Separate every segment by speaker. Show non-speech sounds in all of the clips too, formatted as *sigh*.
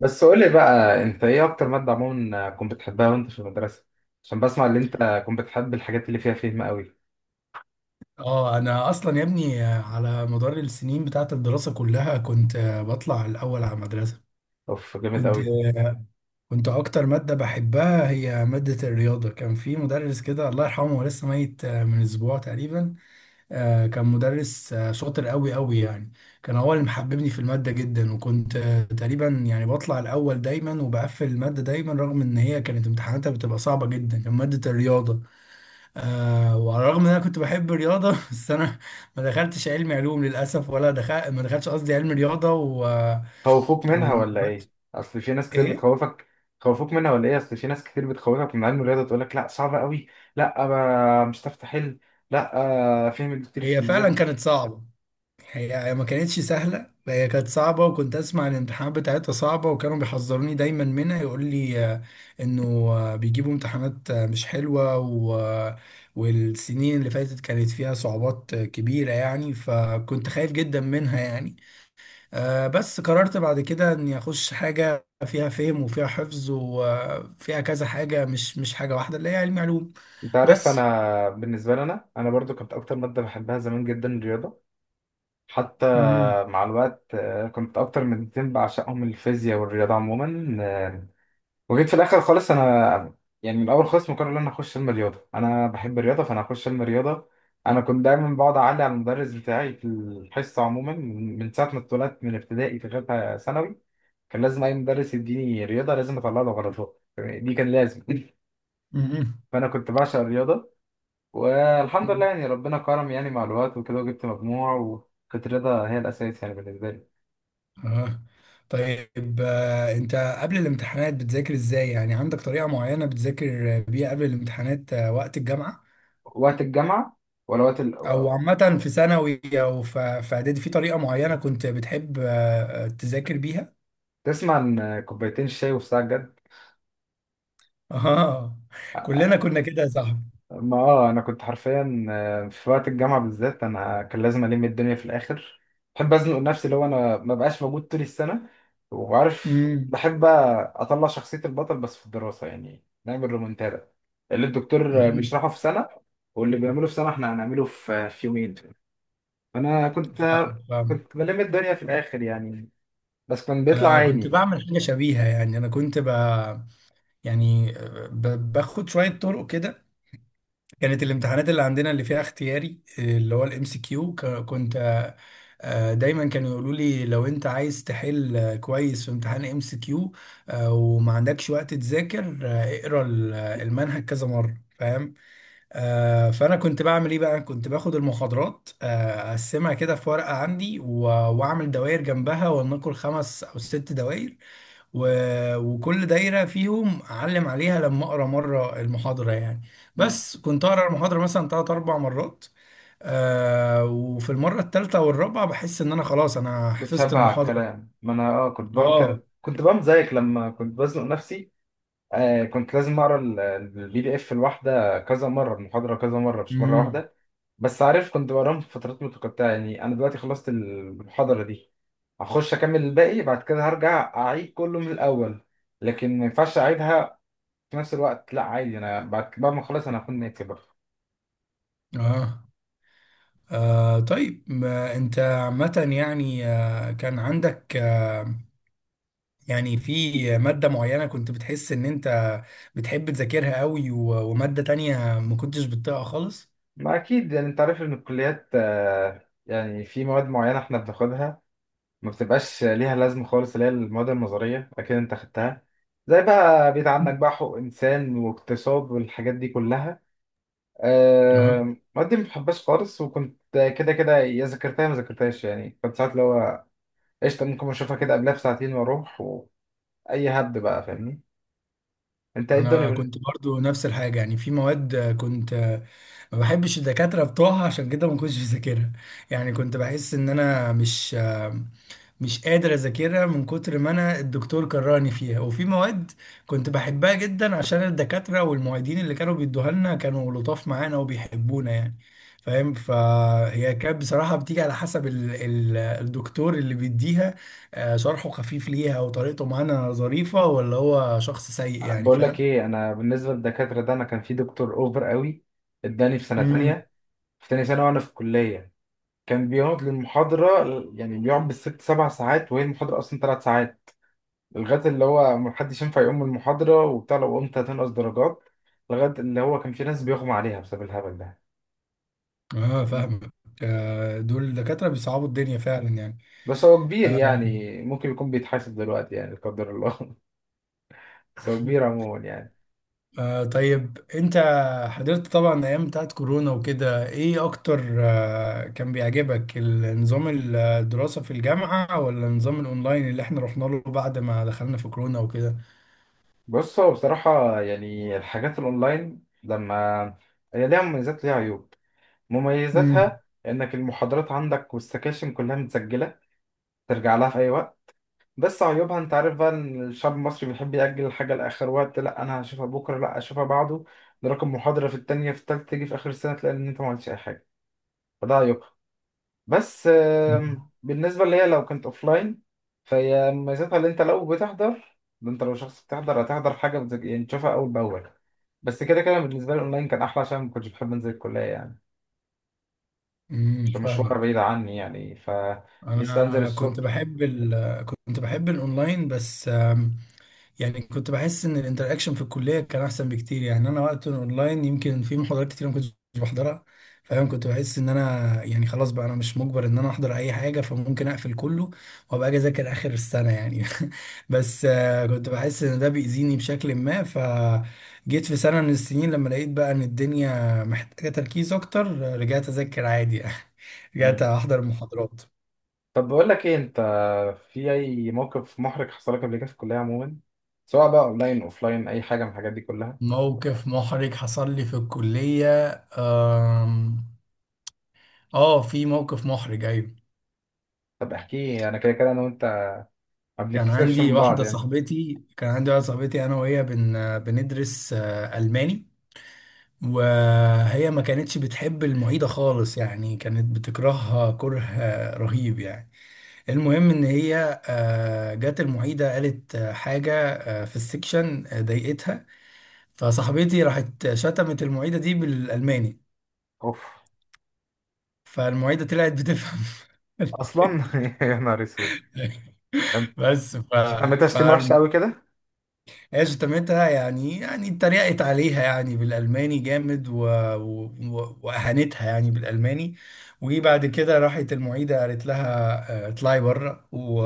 Speaker 1: بس قول لي بقى، انت ايه اكتر ماده عموما كنت بتحبها وانت في المدرسه؟ عشان بسمع ان انت كنت بتحب الحاجات اللي فيها فهم قوي.
Speaker 2: اه، انا اصلا يا ابني على مدار السنين بتاعت الدراسة كلها كنت بطلع الاول على المدرسة.
Speaker 1: اوف، جامد
Speaker 2: كنت
Speaker 1: قوي.
Speaker 2: كنت اكتر مادة بحبها هي مادة الرياضة. كان في مدرس كده، الله يرحمه، هو لسه ميت من اسبوع تقريبا. كان مدرس شاطر قوي قوي يعني. كان هو اللي محببني في المادة جدا، وكنت تقريبا يعني بطلع الاول دايما وبقفل المادة دايما، رغم ان هي كانت امتحاناتها بتبقى صعبة جدا. كان مادة الرياضة. وعلى الرغم ان انا كنت بحب الرياضه *laughs* بس انا ما دخلتش علم علوم للاسف، ولا دخل ما دخلتش قصدي علم رياضه
Speaker 1: خوفوك
Speaker 2: و...
Speaker 1: منها ولا ايه؟ اصل في ناس كتير
Speaker 2: ايه.
Speaker 1: بتخوفك. خوفوك منها ولا ايه؟ اصل في ناس كتير بتخوفك من علم الرياضه، تقول لك لا صعبه قوي، لا ما مش هتعرف تحل، لا. فهم كتير في
Speaker 2: هي فعلا
Speaker 1: الزياده.
Speaker 2: كانت صعبه. هي ما كانتش سهله. هي كانت صعبه، وكنت اسمع الامتحانات بتاعتها صعبه، وكانوا بيحذروني دايما منها. يقول لي انه بيجيبوا امتحانات مش حلوه. والسنين اللي فاتت كانت فيها صعوبات كبيره يعني، فكنت خايف جدا منها يعني. بس قررت بعد كده اني اخش حاجه فيها فهم وفيها حفظ وفيها كذا حاجه، مش حاجه واحده، اللي هي علم علوم.
Speaker 1: انت عارف،
Speaker 2: بس.
Speaker 1: انا بالنسبه لي، انا برضو كنت اكتر ماده بحبها زمان جدا الرياضه. حتى
Speaker 2: امم
Speaker 1: مع الوقت، كنت اكتر مادتين بعشقهم الفيزياء والرياضه عموما. وجيت في الاخر خالص انا يعني من الاول خالص مقرر ان انا اخش علم رياضه، انا بحب الرياضه فانا هخش علم رياضه. انا كنت دايما بقعد اعلي على المدرس بتاعي في الحصه عموما، من ساعه ما اتولدت، من ابتدائي لغايه ثانوي. كان لازم اي مدرس يديني رياضه لازم اطلع له غلطات، دي كان لازم. *laughs*
Speaker 2: امم
Speaker 1: فانا كنت بعشق الرياضه. والحمد لله، يعني ربنا كرم، يعني مع الوقت وكده وجبت مجموع، وكانت الرياضه هي الاساس يعني بالنسبه لي.
Speaker 2: اه طيب، انت قبل الامتحانات بتذاكر ازاي؟ يعني عندك طريقه معينه بتذاكر بيها قبل الامتحانات وقت الجامعه،
Speaker 1: وقت الجامعه، ولا وقت
Speaker 2: او عامه في ثانوي، او في اعدادي، في طريقه معينه كنت بتحب تذاكر بيها؟
Speaker 1: تسمع عن كوبايتين الشاي والساعه الجد؟
Speaker 2: *laughs* اه، كلنا كنا كده يا صاحبي.
Speaker 1: ما اه انا كنت حرفيا، في وقت الجامعه بالذات انا كان لازم الم الدنيا في الاخر. بحب ازنق نفسي، لو انا ما بقاش موجود طول السنه. وعارف،
Speaker 2: امم،
Speaker 1: بحب بقى اطلع شخصيه البطل بس في الدراسه، يعني نعمل ريمونتادا. اللي الدكتور بيشرحه في سنه، واللي بيعمله في سنه احنا هنعمله في يومين. فانا كنت
Speaker 2: فاهم، فاهم.
Speaker 1: كنت بلم الدنيا في الاخر يعني. بس كان بيطلع
Speaker 2: انا كنت
Speaker 1: عيني.
Speaker 2: بعمل حاجه شبيهه. يعني انا كنت يعني باخد شويه طرق كده. كانت الامتحانات اللي عندنا اللي فيها اختياري، اللي هو الام سي كيو، كنت آه، دايما كانوا يقولوا لي لو انت عايز تحل كويس في امتحان ام سي كيو وما عندكش وقت تذاكر، اقرا المنهج كذا مره، فاهم؟ فانا كنت بعمل ايه بقى؟ كنت باخد المحاضرات، اقسمها كده في ورقه عندي، واعمل دوائر جنبها، ولنقل خمس او ست دوائر و... وكل دايرة فيهم أعلم عليها لما أقرأ مرة المحاضرة يعني.
Speaker 1: مم.
Speaker 2: بس كنت أقرأ المحاضرة مثلا تلات أربع مرات. وفي المرة التالتة والرابعة بحس إن أنا خلاص، أنا حفظت
Speaker 1: بتشبع على
Speaker 2: المحاضرة.
Speaker 1: الكلام، ما انا كنت بعمل
Speaker 2: آه
Speaker 1: كده، كنت بعمل زيك لما كنت بزنق نفسي. كنت لازم اقرا البي دي اف الواحده كذا مره، المحاضره كذا مره، مش مره
Speaker 2: امم
Speaker 1: واحده. بس عارف، كنت بقراهم في فترات متقطعه، يعني انا دلوقتي خلصت المحاضره دي هخش اكمل الباقي، بعد كده هرجع اعيد كله من الاول. لكن ما ينفعش اعيدها في نفس الوقت، لا عادي، انا بعد ما اخلص انا هكون ناتي برضه.
Speaker 2: آه طيب، ما أنت عامة يعني، كان عندك يعني في مادة معينة كنت بتحس إن أنت بتحب تذاكرها قوي، ومادة تانية ما كنتش بتطيقها خالص؟
Speaker 1: ما اكيد يعني، انت عارف ان الكليات، يعني في مواد معينه احنا بناخدها ما بتبقاش ليها لازمة خالص، اللي هي المواد النظرية. أكيد أنت خدتها، زي بقى، بعيد عنك بقى، حقوق إنسان واقتصاد والحاجات دي كلها.
Speaker 2: آه،
Speaker 1: المواد دي ما بحبهاش خالص، وكنت كده كده يا ذاكرتها يا ما ذاكرتهاش، يعني كنت ساعات اللي هو قشطة، ممكن أشوفها كده قبلها بساعتين وأروح وأي هبد بقى، فاهمني؟ أنت إيه الدنيا
Speaker 2: انا كنت برضو نفس الحاجه. يعني في مواد آه، كنت آه، ما بحبش الدكاتره بتوعها، عشان كده ما كنتش بذاكرها. يعني كنت بحس ان انا مش مش قادر اذاكرها، من كتر ما انا الدكتور كرهني فيها. وفي مواد كنت بحبها جدا عشان الدكاتره والمعيدين اللي كانوا بيدوها لنا كانوا لطاف معانا وبيحبونا يعني، فاهم؟ فهي كانت بصراحه بتيجي على حسب الدكتور اللي بيديها، شرحه خفيف ليها وطريقته معانا ظريفه ولا هو شخص سيء، يعني
Speaker 1: بقول لك
Speaker 2: فاهم؟
Speaker 1: إيه؟ أنا بالنسبة للدكاترة ده، أنا كان في دكتور أوفر قوي، إداني في سنة
Speaker 2: امم،
Speaker 1: تانية، في تانية سنة وأنا في الكلية. كان بيقعد للمحاضرة، يعني بيقعد بالست سبع ساعات، وهي المحاضرة أصلا 3 ساعات، لغاية اللي هو محدش ينفع يقوم من المحاضرة وبتاع، لو قمت هتنقص درجات، لغاية اللي هو كان في ناس بيغمى عليها بسبب الهبل ده.
Speaker 2: اه،
Speaker 1: فاهم؟
Speaker 2: فاهمك. دول دكاترة بيصعبوا الدنيا فعلا يعني.
Speaker 1: بس هو كبير،
Speaker 2: آه
Speaker 1: يعني ممكن يكون بيتحاسب دلوقتي يعني، لا قدر الله. *laughs* بس هو كبير عموما يعني.
Speaker 2: طيب، انت حضرت طبعا ايام بتاعت كورونا وكده. ايه اكتر كان بيعجبك، النظام الدراسة في الجامعة ولا النظام الاونلاين اللي احنا رحنا له بعد ما دخلنا في كورونا وكده؟
Speaker 1: بص، هو بصراحة يعني، الحاجات الأونلاين لما، هي ليها مميزات ليها عيوب. مميزاتها
Speaker 2: امم،
Speaker 1: إنك المحاضرات عندك والسكاشن كلها متسجلة، ترجع لها في أي وقت. بس عيوبها، انت عارف بقى ان الشعب المصري بيحب يأجل الحاجة لآخر وقت. لا انا هشوفها بكرة، لا هشوفها بعده، نراكم محاضرة في التانية، في التالتة، تيجي في آخر السنة تلاقي ان انت ما عملتش اي حاجة. فده عيوبها. بس، بالنسبة ليا لو كنت اوفلاين، فهي ميزتها اللي انت لو بتحضر، ده انت لو شخص بتحضر هتحضر حاجة يعني تشوفها اول باول. بس كده كده بالنسبة لي اونلاين كان احلى، عشان ما كنتش بحب انزل الكلية يعني،
Speaker 2: امم،
Speaker 1: عشان مشوارها
Speaker 2: فاهمك.
Speaker 1: بعيد عني يعني، فلسه انزل
Speaker 2: انا كنت
Speaker 1: الصبح.
Speaker 2: بحب كنت بحب الاونلاين، بس يعني كنت بحس ان الانتراكشن في الكليه كان احسن بكتير. يعني انا وقت اونلاين يمكن في محاضرات كتير ما كنتش بحضرها، فاهم؟ كنت بحس ان انا يعني خلاص بقى انا مش مجبر ان انا احضر اي حاجه، فممكن اقفل كله وابقى اجي اذاكر اخر السنه يعني. *laughs* بس كنت بحس ان ده بيأذيني بشكل ما، فجيت في سنه من السنين لما لقيت بقى ان الدنيا محتاجه تركيز اكتر، رجعت اذاكر عادي يعني. *laughs* رجعت احضر محاضرات.
Speaker 1: طب بقول لك ايه، انت في اي موقف محرج حصل لك قبل كده في الكليه عموما، سواء بقى اونلاين، اوفلاين، اي حاجه من الحاجات دي كلها؟
Speaker 2: موقف محرج حصل لي في الكليه؟ آم، اه، في موقف محرج، ايوه.
Speaker 1: طب احكي، انا كده كده انا وانت ما بنتكسفش من بعض يعني.
Speaker 2: كان عندي واحده صاحبتي، انا وهي بندرس الماني. وهي ما كانتش بتحب المعيده خالص، يعني كانت بتكرهها كره رهيب يعني. المهم ان هي جت المعيده قالت حاجه في السكشن ضايقتها، فصاحبتي راحت شتمت المعيده دي بالالماني،
Speaker 1: اوف،
Speaker 2: فالمعيده طلعت بتفهم.
Speaker 1: اصلا! *laughs* يا نهار اسود!
Speaker 2: *laughs*
Speaker 1: ده انت
Speaker 2: بس
Speaker 1: سميتها *laughs* شتيمه وحشه
Speaker 2: فالمهم
Speaker 1: قوي كده.
Speaker 2: هي شتمتها، يعني اتريقت عليها يعني بالألماني جامد، وأهانتها يعني بالألماني. وبعد كده راحت المعيدة قالت لها اطلعي بره،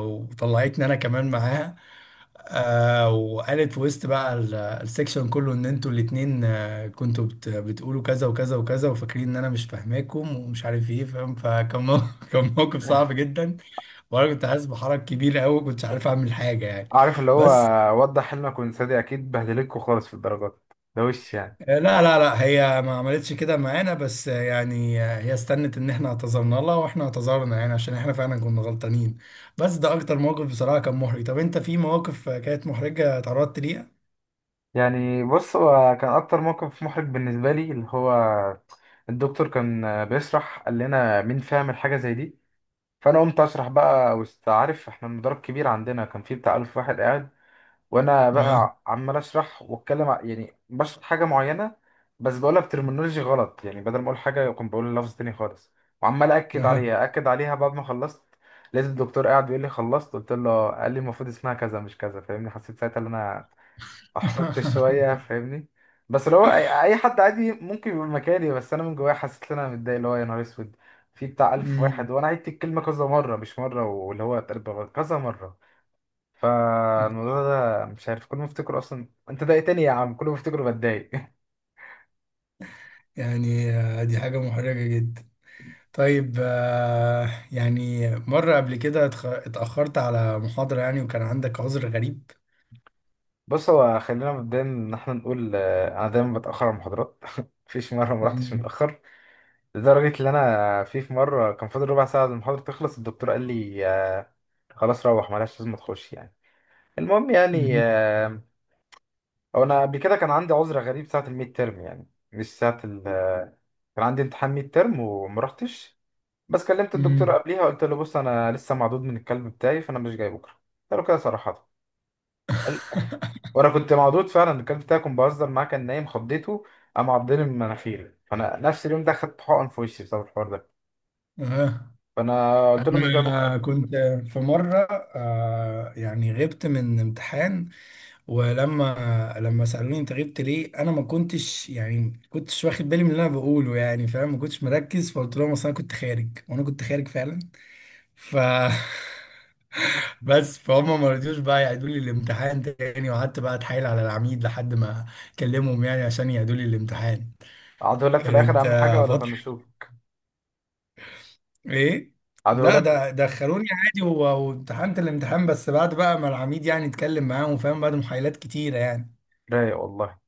Speaker 2: وطلعتني أنا كمان معاها. وقالت في وسط بقى السكشن كله إن أنتوا الاتنين كنتوا بتقولوا كذا وكذا وكذا، وفاكرين إن أنا مش فاهماكم ومش عارف إيه، فاهم؟ *laughs* كان موقف صعب جدا، وأنا كنت حاسس بحرج كبير أوي، كنتش عارف أعمل حاجة يعني.
Speaker 1: عارف اللي هو
Speaker 2: بس
Speaker 1: وضح حلمك وانسى، اكيد بهدلتكوا خالص في الدرجات. ده وش يعني؟
Speaker 2: لا، لا، لا، هي ما عملتش كده معانا، بس يعني هي استنت ان احنا اعتذرنا لها واحنا اعتذرنا، يعني عشان احنا فعلا كنا غلطانين. بس ده اكتر موقف بصراحة كان محرج. طب انت في مواقف كانت محرجة اتعرضت ليها؟
Speaker 1: يعني بص، هو كان اكتر موقف محرج بالنسبه لي اللي هو، الدكتور كان بيشرح، قال لنا مين فاهم الحاجه زي دي؟ فانا قمت اسرح بقى وسط، عارف احنا المدرج كبير عندنا، كان فيه بتاع 1000 واحد قاعد، وانا
Speaker 2: اه،
Speaker 1: بقى عمال اسرح واتكلم يعني بشرح حاجه معينه. بس بقولها بترمينولوجي غلط، يعني بدل ما اقول حاجه كنت بقول لفظ تاني خالص، وعمال اكد
Speaker 2: اه.
Speaker 1: عليها اكد عليها. بعد ما خلصت لقيت الدكتور قاعد بيقول لي: خلصت؟ قلت له، قال لي المفروض اسمها كذا مش كذا، فاهمني؟ حسيت ساعتها ان انا احرجت شويه،
Speaker 2: *laughs*
Speaker 1: فاهمني. بس اللي هو أي حد عادي ممكن يبقى مكاني، بس انا من جوايا حسيت ان انا متضايق، اللي هو يا نهار اسود، في بتاع الف
Speaker 2: أمم.
Speaker 1: واحد وانا عدت الكلمه كذا مره مش مره، واللي هو اتقلب غلط، كذا مره. فالموضوع ده مش عارف، كل ما افتكره اصلا انت ضايقتني يا عم، كل ما افتكره بتضايق. *laughs*
Speaker 2: يعني دي حاجة محرجة جدا. طيب يعني مرة قبل كده اتأخرت على محاضرة يعني، وكان عندك عذر غريب؟
Speaker 1: بص هو خلينا مبدئيا ان احنا نقول، انا دايما بتاخر على المحاضرات. *laughs* مفيش مره ما رحتش
Speaker 2: مم.
Speaker 1: متاخر، لدرجه ان انا في مره كان فاضل ربع ساعه المحاضره تخلص، الدكتور قال لي خلاص روح، ملهاش لازم تخش يعني. المهم يعني
Speaker 2: مم.
Speaker 1: آه، هو انا قبل كده كان عندي عذر غريب ساعه الميد تيرم يعني، مش ساعه ال آه، كان عندي امتحان ميد تيرم وما رحتش. بس كلمت الدكتور
Speaker 2: مم.
Speaker 1: قبليها، قلت له بص، انا لسه معدود من الكلب بتاعي فانا مش جاي بكره. قلت له كده صراحه. قال- وانا كنت معدود فعلا، الكلب بتاعي كنت بهزر معاه كان نايم، خضيته، قام عضني من مناخيري، فانا نفس اليوم ده خدت حقن في وشي بسبب الحوار ده،
Speaker 2: اه،
Speaker 1: فانا قلت له مش جاي بكره.
Speaker 2: أنا كنت في مرة يعني غبت من امتحان، ولما سألوني أنت غبت ليه، أنا ما كنتش يعني كنتش واخد بالي من اللي أنا بقوله، يعني فاهم، ما كنتش مركز، فقلت لهم أصل أنا كنت خارج، وأنا كنت خارج فعلا. ف *laughs* بس فهم ما رضيوش بقى يعيدوا لي الامتحان تاني، وقعدت بقى أتحايل على العميد لحد ما كلمهم يعني عشان يعيدوا لي الامتحان.
Speaker 1: عدهولك في الاخر
Speaker 2: كانت
Speaker 1: اهم حاجه، ولا
Speaker 2: فترة.
Speaker 1: طنشوك؟
Speaker 2: ايه. لا،
Speaker 1: عدهولك في الآخر.
Speaker 2: ده دخلوني عادي، وامتحنت الامتحان بس بعد بقى ما العميد يعني اتكلم معاهم، فاهم، بعد محايلات كتيرة يعني.
Speaker 1: رايق والله.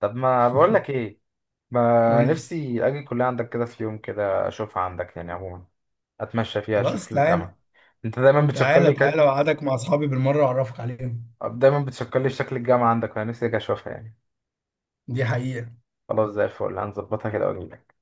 Speaker 1: طب ما بقول لك ايه، ما
Speaker 2: قول لي.
Speaker 1: نفسي اجي الكليه عندك كده في يوم كده، اشوفها عندك يعني عموما، اتمشى فيها،
Speaker 2: خلاص،
Speaker 1: اشوف
Speaker 2: تعالى،
Speaker 1: الجامعه. انت دايما بتشكر
Speaker 2: تعالى،
Speaker 1: لي
Speaker 2: تعالى،
Speaker 1: ك...
Speaker 2: وقعدك مع اصحابي بالمرة واعرفك عليهم.
Speaker 1: دايما بتشكر لي في شكل الجامعه عندك، انا نفسي اجي اشوفها يعني.
Speaker 2: دي حقيقة.
Speaker 1: خلاص زي الفل، هنظبطها كده واجي لك.